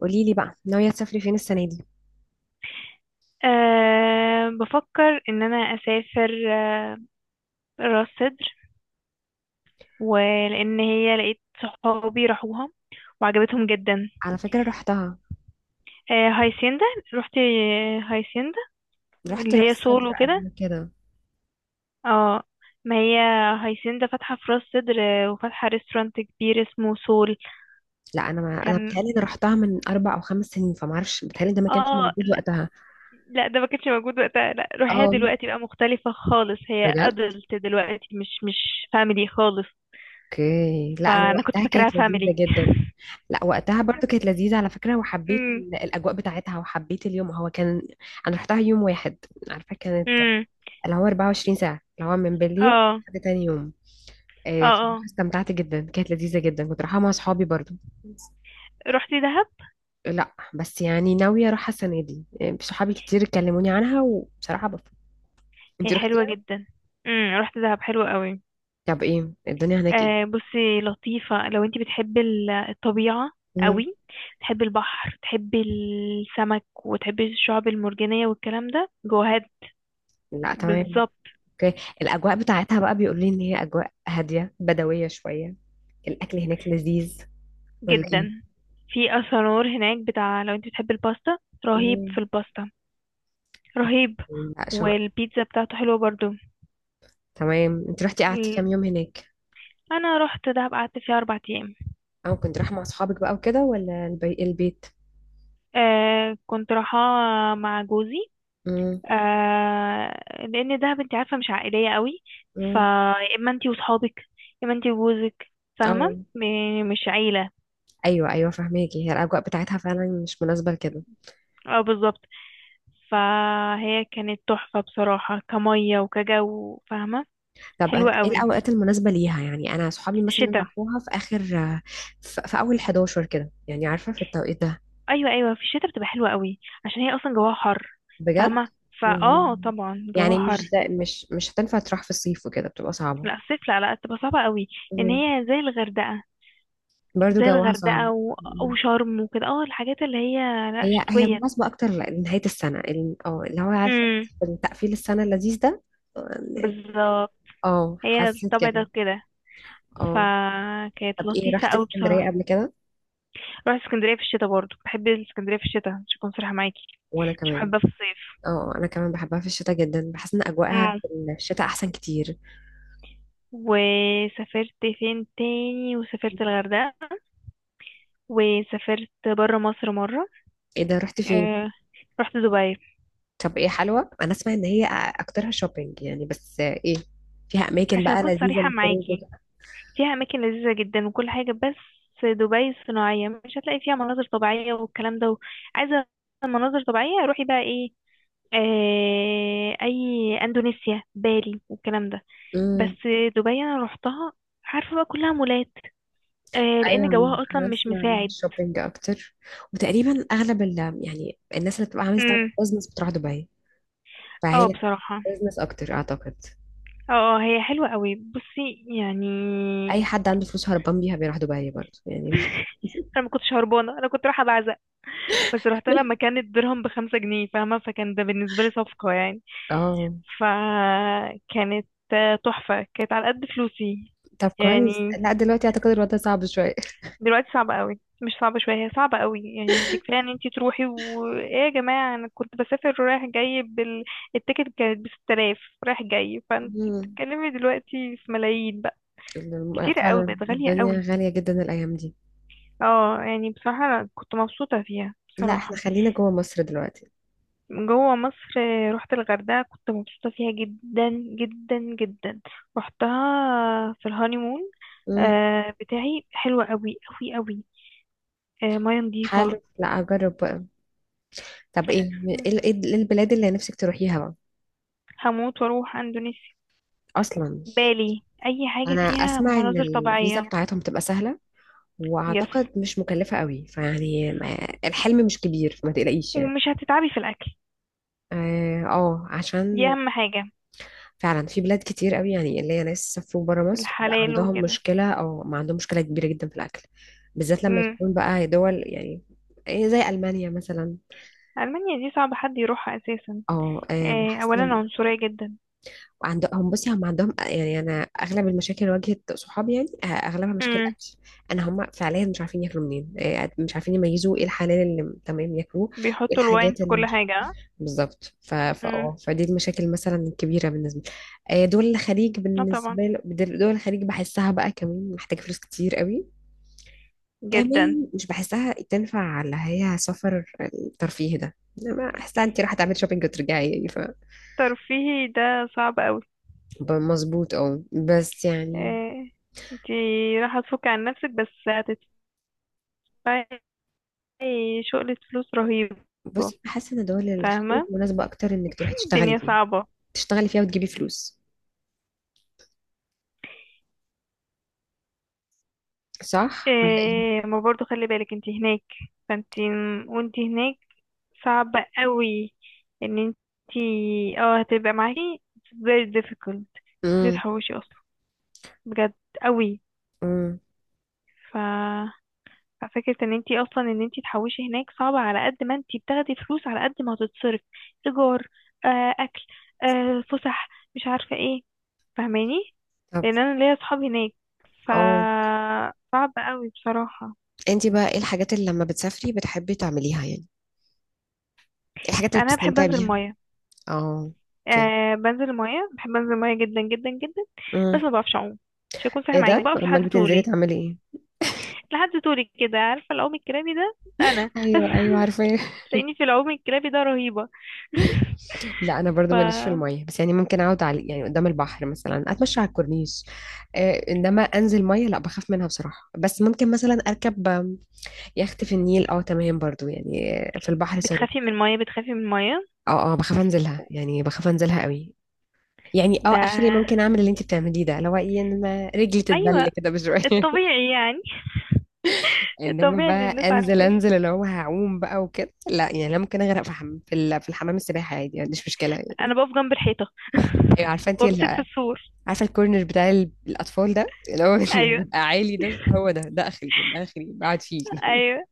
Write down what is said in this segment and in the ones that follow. قولي لي بقى، ناوية تسافري فين السنة دي؟ أه، بفكر ان انا اسافر راس سدر. ولان هي لقيت صحابي راحوها وعجبتهم جدا. على فكرة، رحتها؟ أه، هايسيندا. رحتي هايسيندا رحت اللي هي راس سول سدر وكده. قبل كده؟ اه، ما هي هايسيندا فاتحة في راس سدر، وفاتحة ريستورانت كبير اسمه سول. لا، انا ما انا كان. بتهيألي انا رحتها من 4 أو 5 سنين، فما اعرفش. بتهيألي ده ما كانش اه، موجود لا، وقتها. لا، ده ما كانش موجود وقتها. لا، روحيها اه، دلوقتي بقى مختلفة خالص. هي بجد؟ ادلت دلوقتي مش فاميلي خالص. اوكي. لا، انا فانا كنت وقتها فاكراها كانت لذيذة جدا. لا، وقتها فاميلي. برضو كانت لذيذة على فكرة، وحبيت الاجواء بتاعتها، وحبيت اليوم. هو كان انا رحتها يوم واحد. عارفة كانت امم اللي هو 24 ساعة، اللي هو من بالليل اه، لحد تاني يوم. اه، آه، بصراحة اه. استمتعت جدا، كانت لذيذة جدا، كنت رايحة مع صحابي برضو. رحتي دهب؟ لا بس يعني ناوية اروحها السنة دي. إيه، صحابي كتير كلموني عنها، وبصراحة بفكر. هي انتي حلوة روحتيها؟ جدا. رحت دهب، حلوة قوي. طب ايه الدنيا هناك، ايه؟ بصي، لطيفة لو انتي بتحبي الطبيعة مم. قوي. تحبي البحر، تحبي السمك، وتحبي الشعب المرجانية والكلام ده جوهات. لا، تمام. بالظبط. اوكي. الاجواء بتاعتها بقى بيقولوا لي ان هي اجواء هادية بدوية شوية. الاكل هناك لذيذ ولا ايه؟ جدا. في اسانور هناك بتاع، لو انتي بتحبي الباستا، رهيب مم. في الباستا. رهيب. لا، شو. والبيتزا بتاعته حلوة برضو. تمام، انت رحتي، قعدتي كام ال... يوم هناك؟ انا رحت دهب، قعدت فيها اربع ايام. او كنت رايحه مع اصحابك بقى وكده ولا البيت؟ آه، كنت رايحة مع جوزي. امم. آه لان دهب انت عارفه مش عائليه قوي. امم. فيا اما انت وصحابك، يا اما انت وجوزك، فاهمه. او. مش عيله. ايوه، ايوه، فهماكي. هي الاجواء بتاعتها فعلا مش مناسبه لكده. اه، بالظبط. فهي كانت تحفه بصراحه، كميه وكجو، فاهمه. طب أنا حلوه ايه قوي. الاوقات المناسبه ليها؟ يعني انا صحابي مثلا الشتاء؟ راحوها في اخر، في اول 11 كده، يعني عارفه في التوقيت ده. ايوه، ايوه، في الشتاء بتبقى حلوه قوي عشان هي اصلا جواها حر. بجد؟ فاهمه. يعني، فاه طبعا يعني جواها مش حر. ده، مش هتنفع تروح في الصيف وكده، بتبقى صعبه. لا، الصيف لا، لا، تبقى صعبه قوي. لان مم. هي زي الغردقه. برضو زي جوها صعب. الغردقه و- مم. وشرم وكده. اه، الحاجات اللي هي، لا، هي شتويه. مناسبه اكتر لنهايه السنه، اللي هو عارفه، في تقفيل السنه اللذيذ ده. بالظبط. اه، هي حسيت الطبع كده. ده كده، اه. فكانت طب ايه، لطيفة رحت قوي اسكندريه بصراحة. قبل كده؟ رحت اسكندرية في الشتاء برضو. بحب اسكندرية في الشتاء، مش هكون صريحة معاكي، وانا مش كمان. بحبها في الصيف. اه، انا كمان بحبها في الشتاء جدا، بحس ان اجواءها اه. في الشتاء احسن كتير. وسافرت فين تاني؟ وسافرت الغردقة، وسافرت برا مصر مرة. ايه ده، رحت فين؟ آه رحت دبي. طب ايه، حلوة؟ انا اسمع ان هي اكترها شوبينج يعني، بس ايه، فيها اماكن عشان بقى اكون لذيذة صريحة للخروج معاكي، وكده. فيها اماكن لذيذة جدا وكل حاجة، بس دبي صناعية، مش هتلاقي فيها مناظر طبيعية والكلام ده. عايزة مناظر طبيعية؟ روحي بقى ايه، اي، اندونيسيا، بالي والكلام ده. امم. بس دبي انا روحتها، عارفه بقى كلها مولات، ايوه، لان ما جوها اصلا انا مش اسمع عن مساعد. الشوبينج اكتر، وتقريبا اغلب ال، يعني الناس اللي بتبقى عامله ستارت اب امم. بزنس بتروح دبي، اه، فهي بصراحه. بزنس اكتر اعتقد. اه، هي حلوه قوي بصي، يعني. اي حد عنده فلوس هربان بيها بيروح دبي برضه يعني. انا ما كنتش هربانه، انا كنت رايحه بعزق. بس رحت لما كان الدرهم بخمسة جنيه، فاهمه، فكان ده بالنسبه لي صفقه يعني. اه. فكانت، تحفه. كانت على قد فلوسي. طب كويس. يعني لا، دلوقتي اعتقد الوضع صعب شويه. دلوقتي صعبة قوي، مش صعبة شوية، هي صعبة قوي. يعني انت كفاية ان انت تروحي، و، ايه يا جماعة، انا كنت بسافر رايح جاي التيكت كانت بستة آلاف رايح جاي. فانت مم. بتتكلمي دلوقتي في ملايين بقى. كتيرة قوي، فعلا، بقت غالية الدنيا قوي. غاليه جدا الايام دي. اه، يعني بصراحة انا كنت مبسوطة فيها لا، احنا بصراحة. خلينا جوه مصر دلوقتي. جوه مصر. رحت الغردقة، كنت مبسوطة فيها جدا جدا جدا. رحتها في الهانيمون مم. بتاعي، حلوة قوي قوي قوي. مياه نضيفة. حلو. لا، اجرب بقى. طب ايه، إيه البلاد اللي نفسك تروحيها بقى؟ هموت واروح اندونيسيا، اصلا؟ بالي، اي حاجة انا فيها اسمع ان مناظر الفيزا طبيعية. بتاعتهم بتبقى سهله، يس. واعتقد مش مكلفه قوي، فيعني الحلم مش كبير، فما تقلقيش يعني. ومش هتتعبي في الاكل، اه، آه، دي عشان اهم حاجة. فعلا في بلاد كتير قوي يعني، اللي هي ناس سافروا بره مصر بقى الحلال عندهم وكده. مشكله او ما عندهم مشكله كبيره جدا في الاكل، بالذات لما امم. تكون بقى دول يعني إيه، زي المانيا مثلا. المانيا دي صعب حد يروحها اساسا. اه، آه، إيه، بحس اولا عنصرية جدا. وعندهم، بصي، هم عندهم، يعني انا اغلب المشاكل اللي واجهت صحابي يعني آه، اغلبها مشاكل امم. اكل. انا، هم فعليا مش عارفين ياكلوا منين آه، يعني مش عارفين يميزوا ايه الحلال اللي تمام ياكلوه، وايه بيحطوا الواين الحاجات في اللي كل مش. حاجة. اه. بالظبط، امم. فدي المشاكل مثلا الكبيره بالنسبه لي آه، دول الخليج اه، طبعا. بالنسبه لي. دول الخليج بحسها بقى كمان محتاجه فلوس كتير قوي، جدا. كمان مش بحسها تنفع على هي سفر الترفيه ده. انما احسن انت راح تعملي شوبينج وترجعي، يعني ف، ترفيهي ده صعب قوي. مظبوط، بس يعني، إيه، انتي راح تفك عن نفسك بس، هتدفعي شغلة فلوس رهيبة. بصي، حاسه ان دول الخليج فاهمة. مناسبه اكتر انك تروحي تشتغلي الدنيا فيها، صعبة. تشتغلي فيها وتجيبي فلوس. صح ولا ايه؟ إيه، ما برضو خلي بالك انت هناك. فانت، وانت هناك، صعب قوي ان انت اه هتبقى معاكي very difficult. دي امم. تحوشي اصلا، بجد، قوي. امم. ف ففكرة ان انت اصلا ان انت تحوشي هناك، صعبة على قد ما انت بتاخدي فلوس على قد ما هتتصرف، ايجار، اكل، فسح، مش عارفة ايه. فاهماني؟ طب، لان انا ليا اصحاب هناك. ف اه صعب قوي بصراحة. انت بقى ايه الحاجات اللي لما بتسافري بتحبي تعمليها يعني؟ ايه الحاجات اللي انا بحب بتستمتعي انزل بيها؟ مية. اه. اوكي. بنزل المية، بحب انزل المية جدا جدا جدا. بس امم. ما بعرفش اعوم، مش هكون صريحة ايه معاكي، ده، بقف امال لحد بتنزلي طولي. تعملي ايه؟ لحد طولي كده، عارفة، العوم الكرابي ده، انا ايوه، ايوه، عارفه. تلاقيني في العوم الكرابي ده رهيبة لا، انا ف برضو ماليش في الميه، بس يعني ممكن اقعد على، يعني قدام البحر مثلا، اتمشى على الكورنيش، آه. انما انزل ميه لا، بخاف منها بصراحه. بس ممكن مثلا اركب يخت في النيل، اه، تمام برضو يعني، في البحر، سوري. بتخافي من المية؟ بتخافي من المية؟ اه، اه، بخاف انزلها، يعني بخاف انزلها قوي. يعني، ده، اخري ممكن اعمل اللي انت بتعمليه ده، اللي هو ايه، انما رجلي ايوه، تتبل كده بشويه. الطبيعي يعني. انما الطبيعي اللي بقى الناس انزل، عارفاه. انزل اللي هو هعوم بقى وكده، لا يعني، انا ممكن اغرق في في الحمام السباحه عادي، ما عنديش مشكله يعني. انا بقف جنب الحيطة ايوه، عارفه انت ال... وامسك في السور. عارفه الكورنر بتاع الاطفال ده اللي هو إن ايوه بيبقى عالي ده، هو ده اخري، ده اخري، بقعد فيه. ايوه،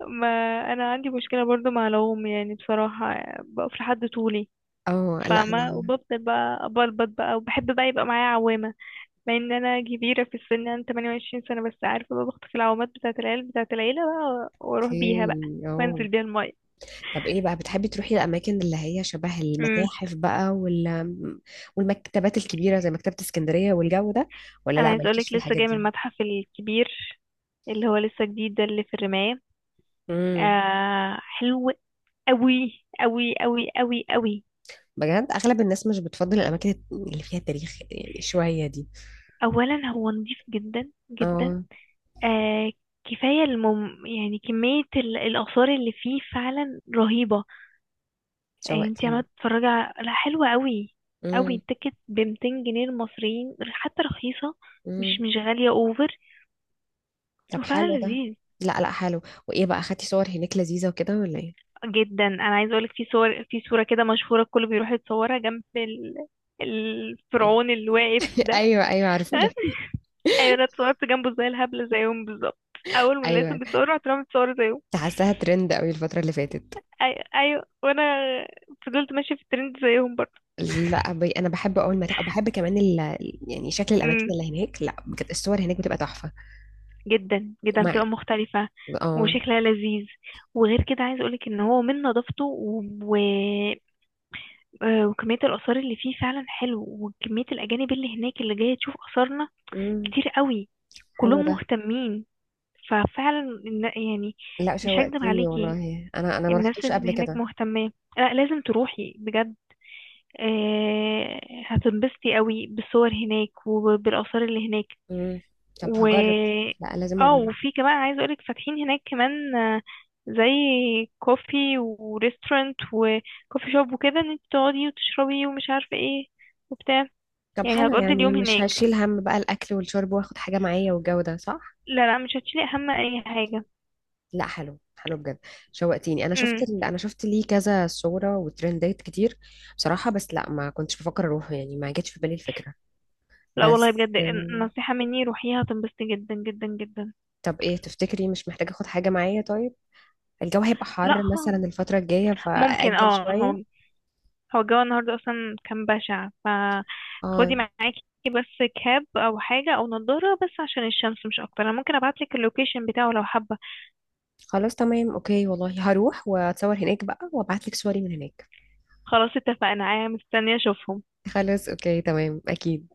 ما انا عندي مشكله برضو مع العوم يعني بصراحه، بقف لحد طولي. اه، لا، فاهمة. انا. وبفضل بقى أبلبط بقى وبحب بقى يبقى معايا عوامة، مع ان انا كبيرة في السن، انا 28 سنة، بس عارفة بقى، بخطف العوامات بتاعة العيال بتاعة العيلة بقى واروح اوكي، بيها بقى وانزل بيها المية. طب ايه بقى، بتحبي تروحي الاماكن اللي هي شبه امم. المتاحف بقى والمكتبات الكبيره زي مكتبه اسكندريه والجو ده؟ ولا انا لا، عايزة اقولك، مالكيش في لسه الحاجات جاي من دي؟ المتحف الكبير اللي هو لسه جديد ده، اللي في الرماية. امم. حلو قوي قوي قوي قوي قوي. بجد؟ اغلب الناس مش بتفضل الاماكن اللي فيها تاريخ شويه دي. اولا هو نضيف جدا جدا. اه. آه كفاية يعني كمية الآثار اللي فيه فعلا رهيبة. يعني انت عمالة شوقتيني. تتفرجي على، لا، حلوة قوي. قوي. امم. التيكت بمتين جنيه المصريين حتى، رخيصة، امم. مش غالية اوفر. طب حلو وفعلا ده. لذيذ. لا، لا، حلو. وايه بقى، اخدتي صور هناك لذيذه وكده ولا ايه؟ جدا. انا عايزة اقولك، في صور، في صورة كده مشهورة الكل بيروح يتصورها جنب مم. الفرعون اللي واقف ده ايوه، ايوه، عارفه. ايوه، انا اتصورت جنبه زي الهبلة زيهم بالظبط. اول ما لقيتهم ايوه. بيتصوروا، رحت رامية اتصور زيهم. كنت حاساها ترند قوي الفتره اللي فاتت. ايوه، ايوه، وانا فضلت ماشية في الترند زيهم. لا، انا بحب اول ما، وبحب كمان يعني شكل الاماكن برضه. اللي هناك. لا بجد، الصور هناك بتبقى تحفه. جدا جدا ومع، بتبقى مختلفة اه، وشكلها لذيذ. وغير كده عايز اقولك ان هو من نظافته و... و... آه، وكمية الآثار اللي فيه فعلا حلو. وكمية الأجانب اللي هناك اللي جاية تشوف آثارنا امم، كتير قوي، حلو كلهم ده. مهتمين. ففعلا، يعني، لا، مش هكدب شوقتيني عليكي، والله. انا ما الناس رحتوش قبل اللي هناك كده. مهتمة. لا، لازم تروحي بجد. آه، هتنبسطي قوي بالصور هناك وبالآثار اللي هناك. امم. طب و هجرب. لا، لازم اه اجرب. وفي كمان عايزه اقولك فاتحين هناك كمان، زي كوفي وريستورانت وكوفي شوب وكده، ان انت تقعدي وتشربي ومش عارفه ايه وبتاع. طب يعني حلو هتقضي يعني، اليوم مش هناك. هشيل هم بقى الاكل والشرب واخد حاجه معايا والجو ده، صح؟ لا، لا، مش هتشيلي هم اي حاجه. لا، حلو حلو بجد. شوقتيني. انا شفت امم. ال... انا شفت ليه كذا صوره وترندات كتير بصراحه. بس لا، ما كنتش بفكر اروح يعني، ما جاتش في بالي الفكره. لا والله بس بجد، نصيحه مني روحيها، هتنبسطي جدا جدا جدا. طب ايه، تفتكري مش محتاجة اخد حاجة معايا طيب؟ الجو هيبقى لا حر مثلا خالص. الفترة الجاية، ممكن، فأأجل شوية. هو الجو النهارده اصلا كان بشع، فخدي اه. معاكي بس كاب او حاجه او نضاره بس عشان الشمس مش اكتر. انا ممكن ابعتلك اللوكيشن بتاعه لو حابه. خلاص، تمام، اوكي. والله هروح واتصور هناك بقى وابعتلك صوري من هناك. خلاص اتفقنا، انا مستنيه اشوفهم. خلاص، اوكي، تمام، اكيد.